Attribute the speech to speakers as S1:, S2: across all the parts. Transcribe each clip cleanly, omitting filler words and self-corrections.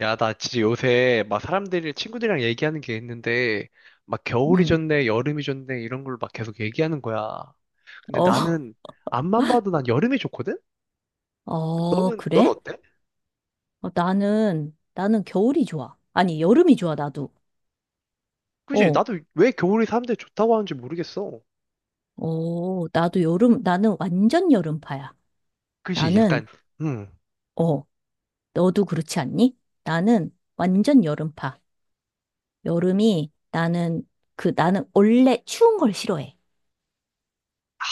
S1: 야, 나 진짜 요새 막 사람들이 친구들이랑 얘기하는 게 있는데 막 겨울이
S2: 음.
S1: 좋네, 여름이 좋네 이런 걸 막 계속 얘기하는 거야. 근데
S2: 어,
S1: 나는 앞만 봐도 난 여름이 좋거든?
S2: 어,
S1: 너는 넌
S2: 그래?
S1: 어때?
S2: 어, 나는 겨울이 좋아. 아니, 여름이 좋아, 나도.
S1: 그지?
S2: 어,
S1: 나도 왜 겨울이 사람들이 좋다고 하는지 모르겠어.
S2: 어, 나는 완전 여름파야.
S1: 그지?
S2: 나는,
S1: 약간 음.
S2: 어, 너도 그렇지 않니? 나는 완전 여름파. 여름이, 나는, 나는 원래 추운 걸 싫어해.
S1: 아,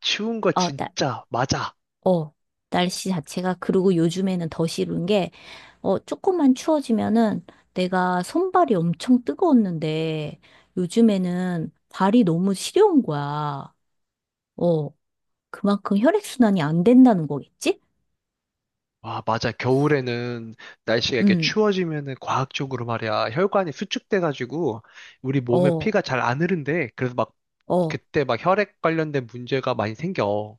S1: 추운 거
S2: 어, 나,
S1: 진짜 맞아.
S2: 어, 날씨 자체가, 그리고 요즘에는 더 싫은 게, 조금만 추워지면은 내가 손발이 엄청 뜨거웠는데, 요즘에는 발이 너무 시려운 거야. 어, 그만큼 혈액순환이 안 된다는 거겠지?
S1: 와, 맞아. 겨울에는 날씨가 이렇게
S2: 응,
S1: 추워지면은 과학적으로 말이야. 혈관이 수축돼가지고 우리 몸에
S2: 어,
S1: 피가 잘 안 흐른대. 그래서 막
S2: 어.
S1: 그때 막 혈액 관련된 문제가 많이 생겨.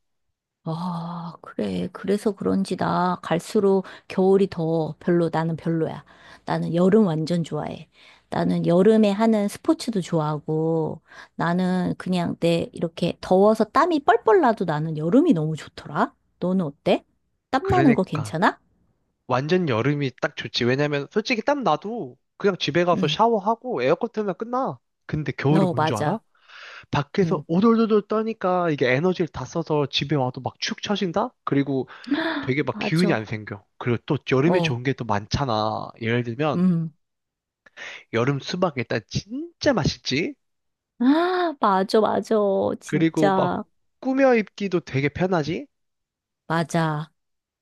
S2: 아, 그래. 그래서 그런지 나 갈수록 겨울이 더 별로, 나는 별로야. 나는 여름 완전 좋아해. 나는 여름에 하는 스포츠도 좋아하고, 나는 그냥 내 이렇게 더워서 땀이 뻘뻘 나도 나는 여름이 너무 좋더라. 너는 어때? 땀 나는 거
S1: 그러니까
S2: 괜찮아?
S1: 완전 여름이 딱 좋지. 왜냐면 솔직히 땀 나도 그냥 집에 가서
S2: 응.
S1: 샤워하고 에어컨 틀면 끝나. 근데 겨울은
S2: 어,
S1: 뭔 줄 알아?
S2: 맞아.
S1: 밖에서
S2: 응.
S1: 오돌오돌 떠니까 이게 에너지를 다 써서 집에 와도 막 축 처진다? 그리고 되게 막 기운이 안
S2: 맞아.
S1: 생겨. 그리고 또 여름에
S2: 어,
S1: 좋은 게 또 많잖아. 예를 들면
S2: 음.
S1: 여름 수박 일단 진짜 맛있지?
S2: 아, 맞아, 맞아.
S1: 그리고 막
S2: 진짜.
S1: 꾸며 입기도 되게 편하지?
S2: 맞아.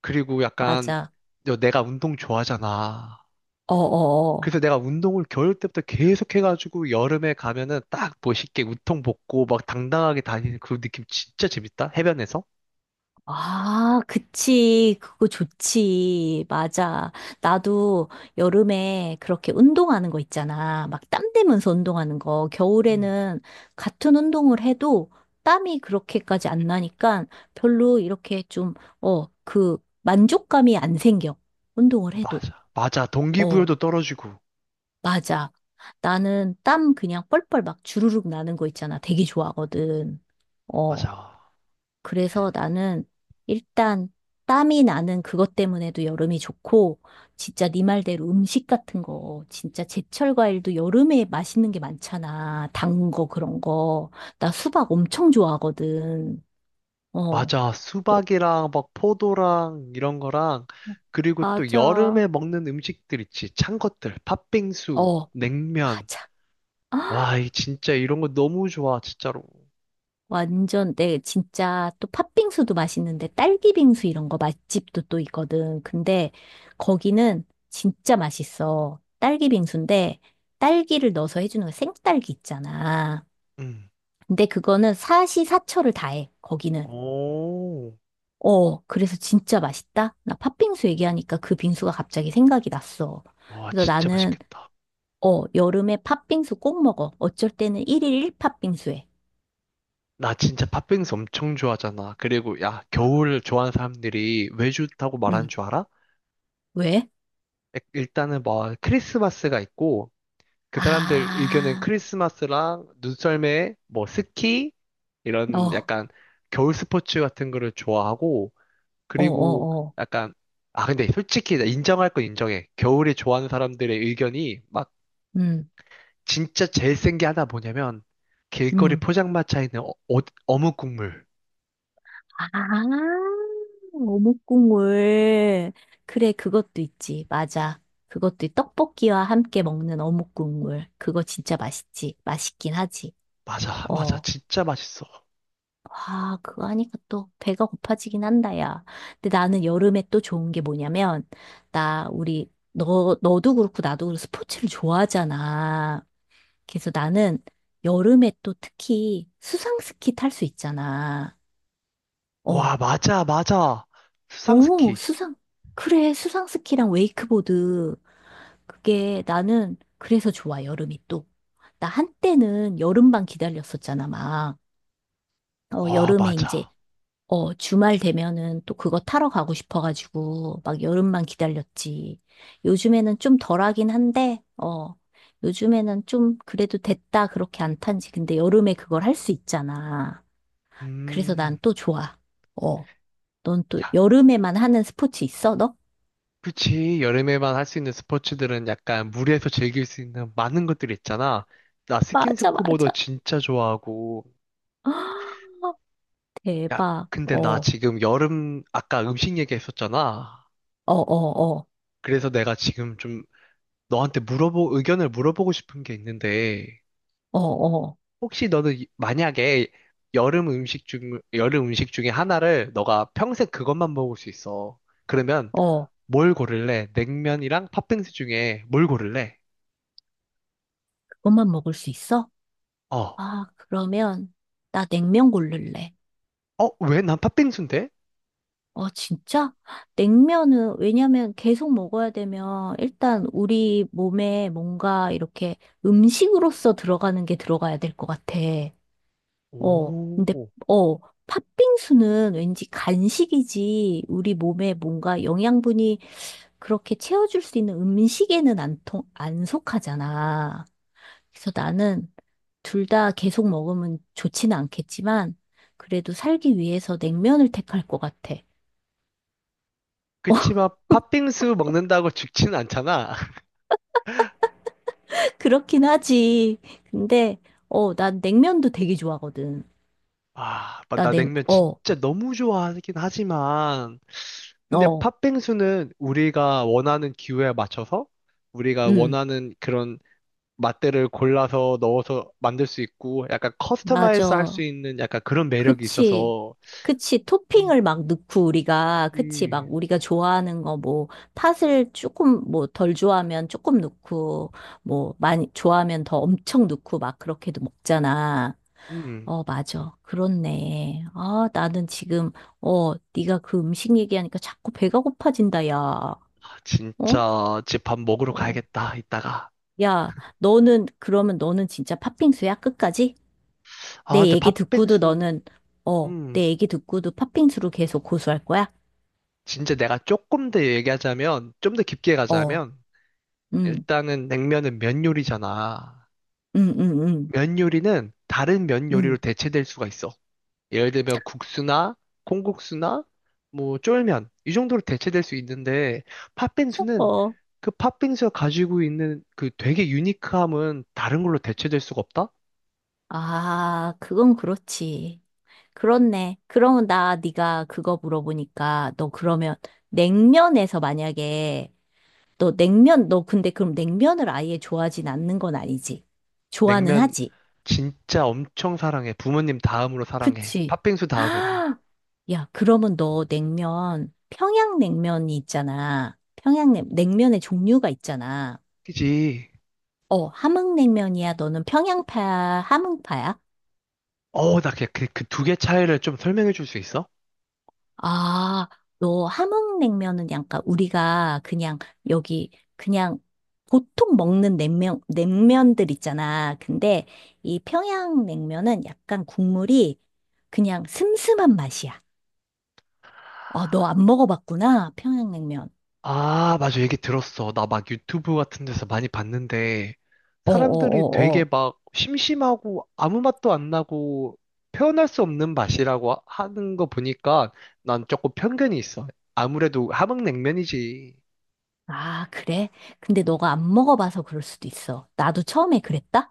S1: 그리고 약간
S2: 맞아.
S1: 내가 운동 좋아하잖아.
S2: 어어어.
S1: 그래서 내가 운동을 겨울 때부터 계속 해가지고 여름에 가면은 딱 멋있게 웃통 벗고 막 당당하게 다니는 그 느낌 진짜 재밌다. 해변에서.
S2: 아, 그치. 그거 좋지. 맞아. 나도 여름에 그렇게 운동하는 거 있잖아. 막 땀 대면서 운동하는 거.
S1: 음,
S2: 겨울에는 같은 운동을 해도 땀이 그렇게까지 안 나니까 별로 이렇게 좀, 어, 그 만족감이 안 생겨. 운동을 해도.
S1: 맞아. 맞아.
S2: 어,
S1: 동기부여도 떨어지고.
S2: 맞아. 나는 땀 그냥 뻘뻘 막 주르륵 나는 거 있잖아. 되게 좋아하거든. 어.
S1: 맞아.
S2: 그래서 나는 일단 땀이 나는 그것 때문에도 여름이 좋고, 진짜 네 말대로 음식 같은 거, 진짜 제철 과일도 여름에 맛있는 게 많잖아. 단 거, 그런 거. 나 수박 엄청 좋아하거든. 어,
S1: 맞아.
S2: 또,
S1: 수박이랑 막 포도랑 이런 거랑 그리고 또
S2: 맞아.
S1: 여름에 먹는 음식들 있지. 찬 것들. 팥빙수,
S2: 어,
S1: 냉면.
S2: 맞아.
S1: 와, 이 진짜 이런 거 너무 좋아. 진짜로.
S2: 완전 내 진짜 또 팥빙수도 맛있는데 딸기 빙수 이런 거 맛집도 또 있거든. 근데 거기는 진짜 맛있어. 딸기 빙수인데 딸기를 넣어서 해주는 거 생딸기 있잖아.
S1: 음.
S2: 근데 그거는 사시사철을 다해. 거기는.
S1: 오.
S2: 그래서 진짜 맛있다. 나 팥빙수 얘기하니까 그 빙수가 갑자기 생각이 났어.
S1: 와,
S2: 그래서
S1: 진짜
S2: 나는
S1: 맛있겠다.
S2: 여름에 팥빙수 꼭 먹어. 어쩔 때는 1일 1 팥빙수 해.
S1: 나 진짜 팥빙수 엄청 좋아하잖아. 그리고 야, 겨울 좋아하는 사람들이 왜 좋다고 말하는
S2: 응.
S1: 줄 알아?
S2: 왜?
S1: 일단은 뭐 크리스마스가 있고 그 사람들 의견은
S2: 아,
S1: 크리스마스랑 눈썰매, 뭐 스키 이런
S2: 어.
S1: 약간 겨울 스포츠 같은 거를 좋아하고 그리고
S2: 어어어.
S1: 약간 아 근데 솔직히 나 인정할 건 인정해. 겨울에 좋아하는 사람들의 의견이 막
S2: 음,
S1: 진짜 제일 센 게 하나 뭐냐면 길거리
S2: 음.
S1: 포장마차에 있는 어묵 국물.
S2: 아, 어묵국물. 그래, 그것도 있지. 맞아. 그것도 있- 떡볶이와 함께 먹는 어묵국물. 그거 진짜 맛있지. 맛있긴 하지.
S1: 맞아, 맞아.
S2: 어.
S1: 진짜 맛있어.
S2: 와, 그거 하니까 또 배가 고파지긴 한다, 야. 근데 나는 여름에 또 좋은 게 뭐냐면, 너도 그렇고 나도 그렇고 스포츠를 좋아하잖아. 그래서 나는 여름에 또 특히 수상스키 탈 수 있잖아. 어.
S1: 와, 맞아, 맞아.
S2: 오,
S1: 수상스키.
S2: 수상. 그래, 수상 스키랑 웨이크보드. 그게 나는 그래서 좋아, 여름이 또. 나 한때는 여름만 기다렸었잖아, 막. 어,
S1: 와,
S2: 여름에 이제,
S1: 맞아.
S2: 주말 되면은 또 그거 타러 가고 싶어가지고, 막 여름만 기다렸지. 요즘에는 좀 덜하긴 한데, 요즘에는 좀 그래도 됐다, 그렇게 안 탄지. 근데 여름에 그걸 할 수 있잖아. 그래서 난
S1: 음,
S2: 또 좋아. 어, 넌 또
S1: 야,
S2: 여름에만 하는 스포츠 있어, 너?
S1: 그치. 여름에만 할 수 있는 스포츠들은 약간 물에서 즐길 수 있는 많은 것들이 있잖아. 나
S2: 맞아,
S1: 스킨스쿠버도
S2: 맞아.
S1: 진짜 좋아하고.
S2: 아,
S1: 야,
S2: 대박.
S1: 근데
S2: 어,
S1: 나
S2: 어,
S1: 지금 여름, 아까 음식 얘기했었잖아.
S2: 어, 어,
S1: 그래서 내가 지금 좀 너한테 의견을 물어보고 싶은 게 있는데,
S2: 어, 어,
S1: 혹시 너는 만약에 여름 음식 중에 하나를 너가 평생 그것만 먹을 수 있어. 그러면
S2: 어.
S1: 뭘 고를래? 냉면이랑 팥빙수 중에 뭘 고를래?
S2: 그것만 먹을 수 있어?
S1: 어.
S2: 아, 그러면 나 냉면 고를래.
S1: 어, 왜 난 팥빙수인데?
S2: 어, 진짜? 냉면은 왜냐면 계속 먹어야 되면 일단 우리 몸에 뭔가 이렇게 음식으로서 들어가는 게 들어가야 될 것 같아. 근데,
S1: 오.
S2: 어, 팥빙수는 왠지 간식이지, 우리 몸에 뭔가 영양분이 그렇게 채워줄 수 있는 음식에는 안 속하잖아. 그래서 나는 둘 다 계속 먹으면 좋지는 않겠지만, 그래도 살기 위해서 냉면을 택할 것 같아.
S1: 그치만 팥빙수 먹는다고 죽지는 않잖아.
S2: 그렇긴 하지. 근데, 난 냉면도 되게 좋아하거든.
S1: 아,
S2: 나
S1: 나
S2: 냉,
S1: 냉면
S2: 어,
S1: 진짜 너무 좋아하긴 하지만. 근데
S2: 어,
S1: 팥빙수는 우리가 원하는 기호에 맞춰서 우리가
S2: 음,
S1: 원하는 그런 맛들을 골라서 넣어서 만들 수 있고 약간 커스터마이즈 할 수
S2: 맞아.
S1: 있는 약간 그런 매력이
S2: 그치.
S1: 있어서.
S2: 그치. 토핑을
S1: 음,
S2: 막 넣고 우리가, 그치.
S1: 그치.
S2: 막 우리가 좋아하는 거 뭐, 팥을 조금 뭐 덜 좋아하면 조금 넣고, 뭐 많이 좋아하면 더 엄청 넣고 막 그렇게도 먹잖아.
S1: 음.
S2: 어, 맞아. 그렇네. 아, 나는 지금, 네가 그 음식 얘기하니까 자꾸 배가 고파진다, 야. 어?
S1: 진짜 집 밥 먹으러
S2: 어.
S1: 가야겠다, 이따가.
S2: 야, 그러면 너는 진짜 팥빙수야? 끝까지?
S1: 아,
S2: 내
S1: 근데
S2: 얘기 듣고도
S1: 팥빙수.
S2: 너는,
S1: 음,
S2: 내 얘기 듣고도 팥빙수로 계속 고수할 거야?
S1: 진짜 내가 조금 더 얘기하자면, 좀 더 깊게
S2: 어,
S1: 가자면,
S2: 음,
S1: 일단은 냉면은 면 요리잖아.
S2: 음, 음, 음,
S1: 면 요리는 다른 면 요리로
S2: 음.
S1: 대체될 수가 있어. 예를 들면 국수나 콩국수나 뭐 쫄면 이 정도로 대체될 수 있는데 팥빙수는
S2: 어,
S1: 그 팥빙수가 가지고 있는 그 되게 유니크함은 다른 걸로 대체될 수가 없다?
S2: 아, 그건 그렇지. 그렇네. 그러면 나 네가 그거 물어보니까 너 그러면 냉면에서 만약에 너 냉면 너 근데 그럼 냉면을 아예 좋아하진 않는 건 아니지? 좋아는
S1: 냉면
S2: 하지.
S1: 진짜 엄청 사랑해. 부모님 다음으로 사랑해.
S2: 그치?
S1: 팥빙수 다음으로.
S2: 야, 그러면 너 냉면 평양냉면이 있잖아. 평양냉 냉면의 종류가 있잖아.
S1: 그지?
S2: 함흥냉면이야. 너는 평양파야, 함흥파야?
S1: 어, 나 그 두 개 차이를 좀 설명해 줄 수 있어?
S2: 아, 너 함흥냉면은 약간 우리가 그냥 여기 그냥 보통 먹는 냉면, 냉면들 있잖아. 근데 이 평양냉면은 약간 국물이 그냥 슴슴한 맛이야. 너 안 먹어봤구나. 평양냉면.
S1: 아, 맞아. 얘기 들었어. 나 막 유튜브 같은 데서 많이 봤는데,
S2: 어, 어,
S1: 사람들이
S2: 어,
S1: 되게
S2: 어.
S1: 막 심심하고 아무 맛도 안 나고 표현할 수 없는 맛이라고 하는 거 보니까 난 조금 편견이 있어. 아무래도 함흥냉면이지.
S2: 아, 그래? 근데 너가 안 먹어봐서 그럴 수도 있어. 나도 처음에 그랬다?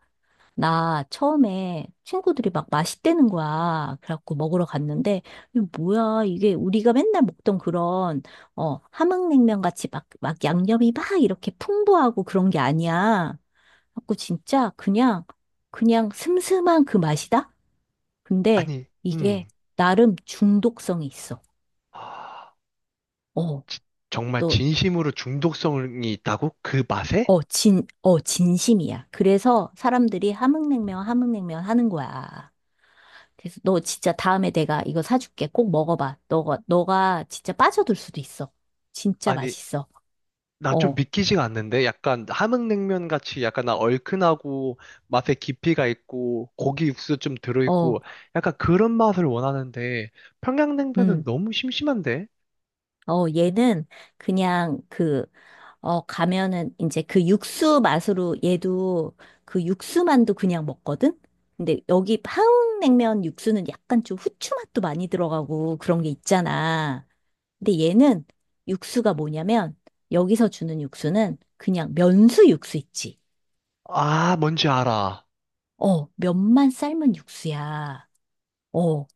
S2: 나 처음에 친구들이 막 맛있대는 거야. 그래갖고 먹으러 갔는데, 이게 뭐야, 이게 우리가 맨날 먹던 그런, 함흥냉면 같이 막 양념이 막 이렇게 풍부하고 그런 게 아니야. 그래갖고 진짜 그냥, 그냥 슴슴한 그 맛이다? 근데
S1: 아니,
S2: 이게
S1: 음.
S2: 나름 중독성이 있어. 어,
S1: 지- 정말
S2: 또,
S1: 진심으로 중독성이 있다고? 그 맛에?
S2: 어, 진, 어, 진심이야. 그래서 사람들이 함흥냉면, 함흥냉면 하는 거야. 그래서 너 진짜 다음에 내가 이거 사줄게. 꼭 먹어봐. 너가 진짜 빠져들 수도 있어. 진짜
S1: 아니,
S2: 맛있어.
S1: 나 좀
S2: 어,
S1: 믿기지가 않는데? 약간 함흥냉면 같이 약간 나 얼큰하고 맛에 깊이가 있고 고기 육수 좀 들어있고
S2: 어,
S1: 약간 그런 맛을 원하는데 평양냉면은
S2: 음,
S1: 너무 심심한데?
S2: 어, 얘는 그냥 그, 가면은 이제 그 육수 맛으로 얘도 그 육수만도 그냥 먹거든? 근데 여기 한국냉면 육수는 약간 좀 후추 맛도 많이 들어가고 그런 게 있잖아. 근데 얘는 육수가 뭐냐면 여기서 주는 육수는 그냥 면수 육수 있지.
S1: 아, 뭔지 알아.
S2: 면만 삶은 육수야. 어,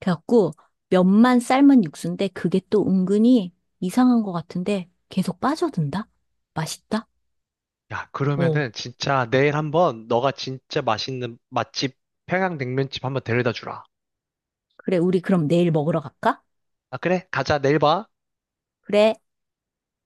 S2: 그래갖고 면만 삶은 육수인데 그게 또 은근히 이상한 것 같은데 계속 빠져든다? 맛있다?
S1: 야,
S2: 어,
S1: 그러면은 진짜 내일 한번 너가 진짜 맛있는 맛집 평양냉면집 한번 데려다 주라.
S2: 그래, 우리 그럼 내일 먹으러 갈까?
S1: 아, 그래? 가자. 내일 봐.
S2: 그래.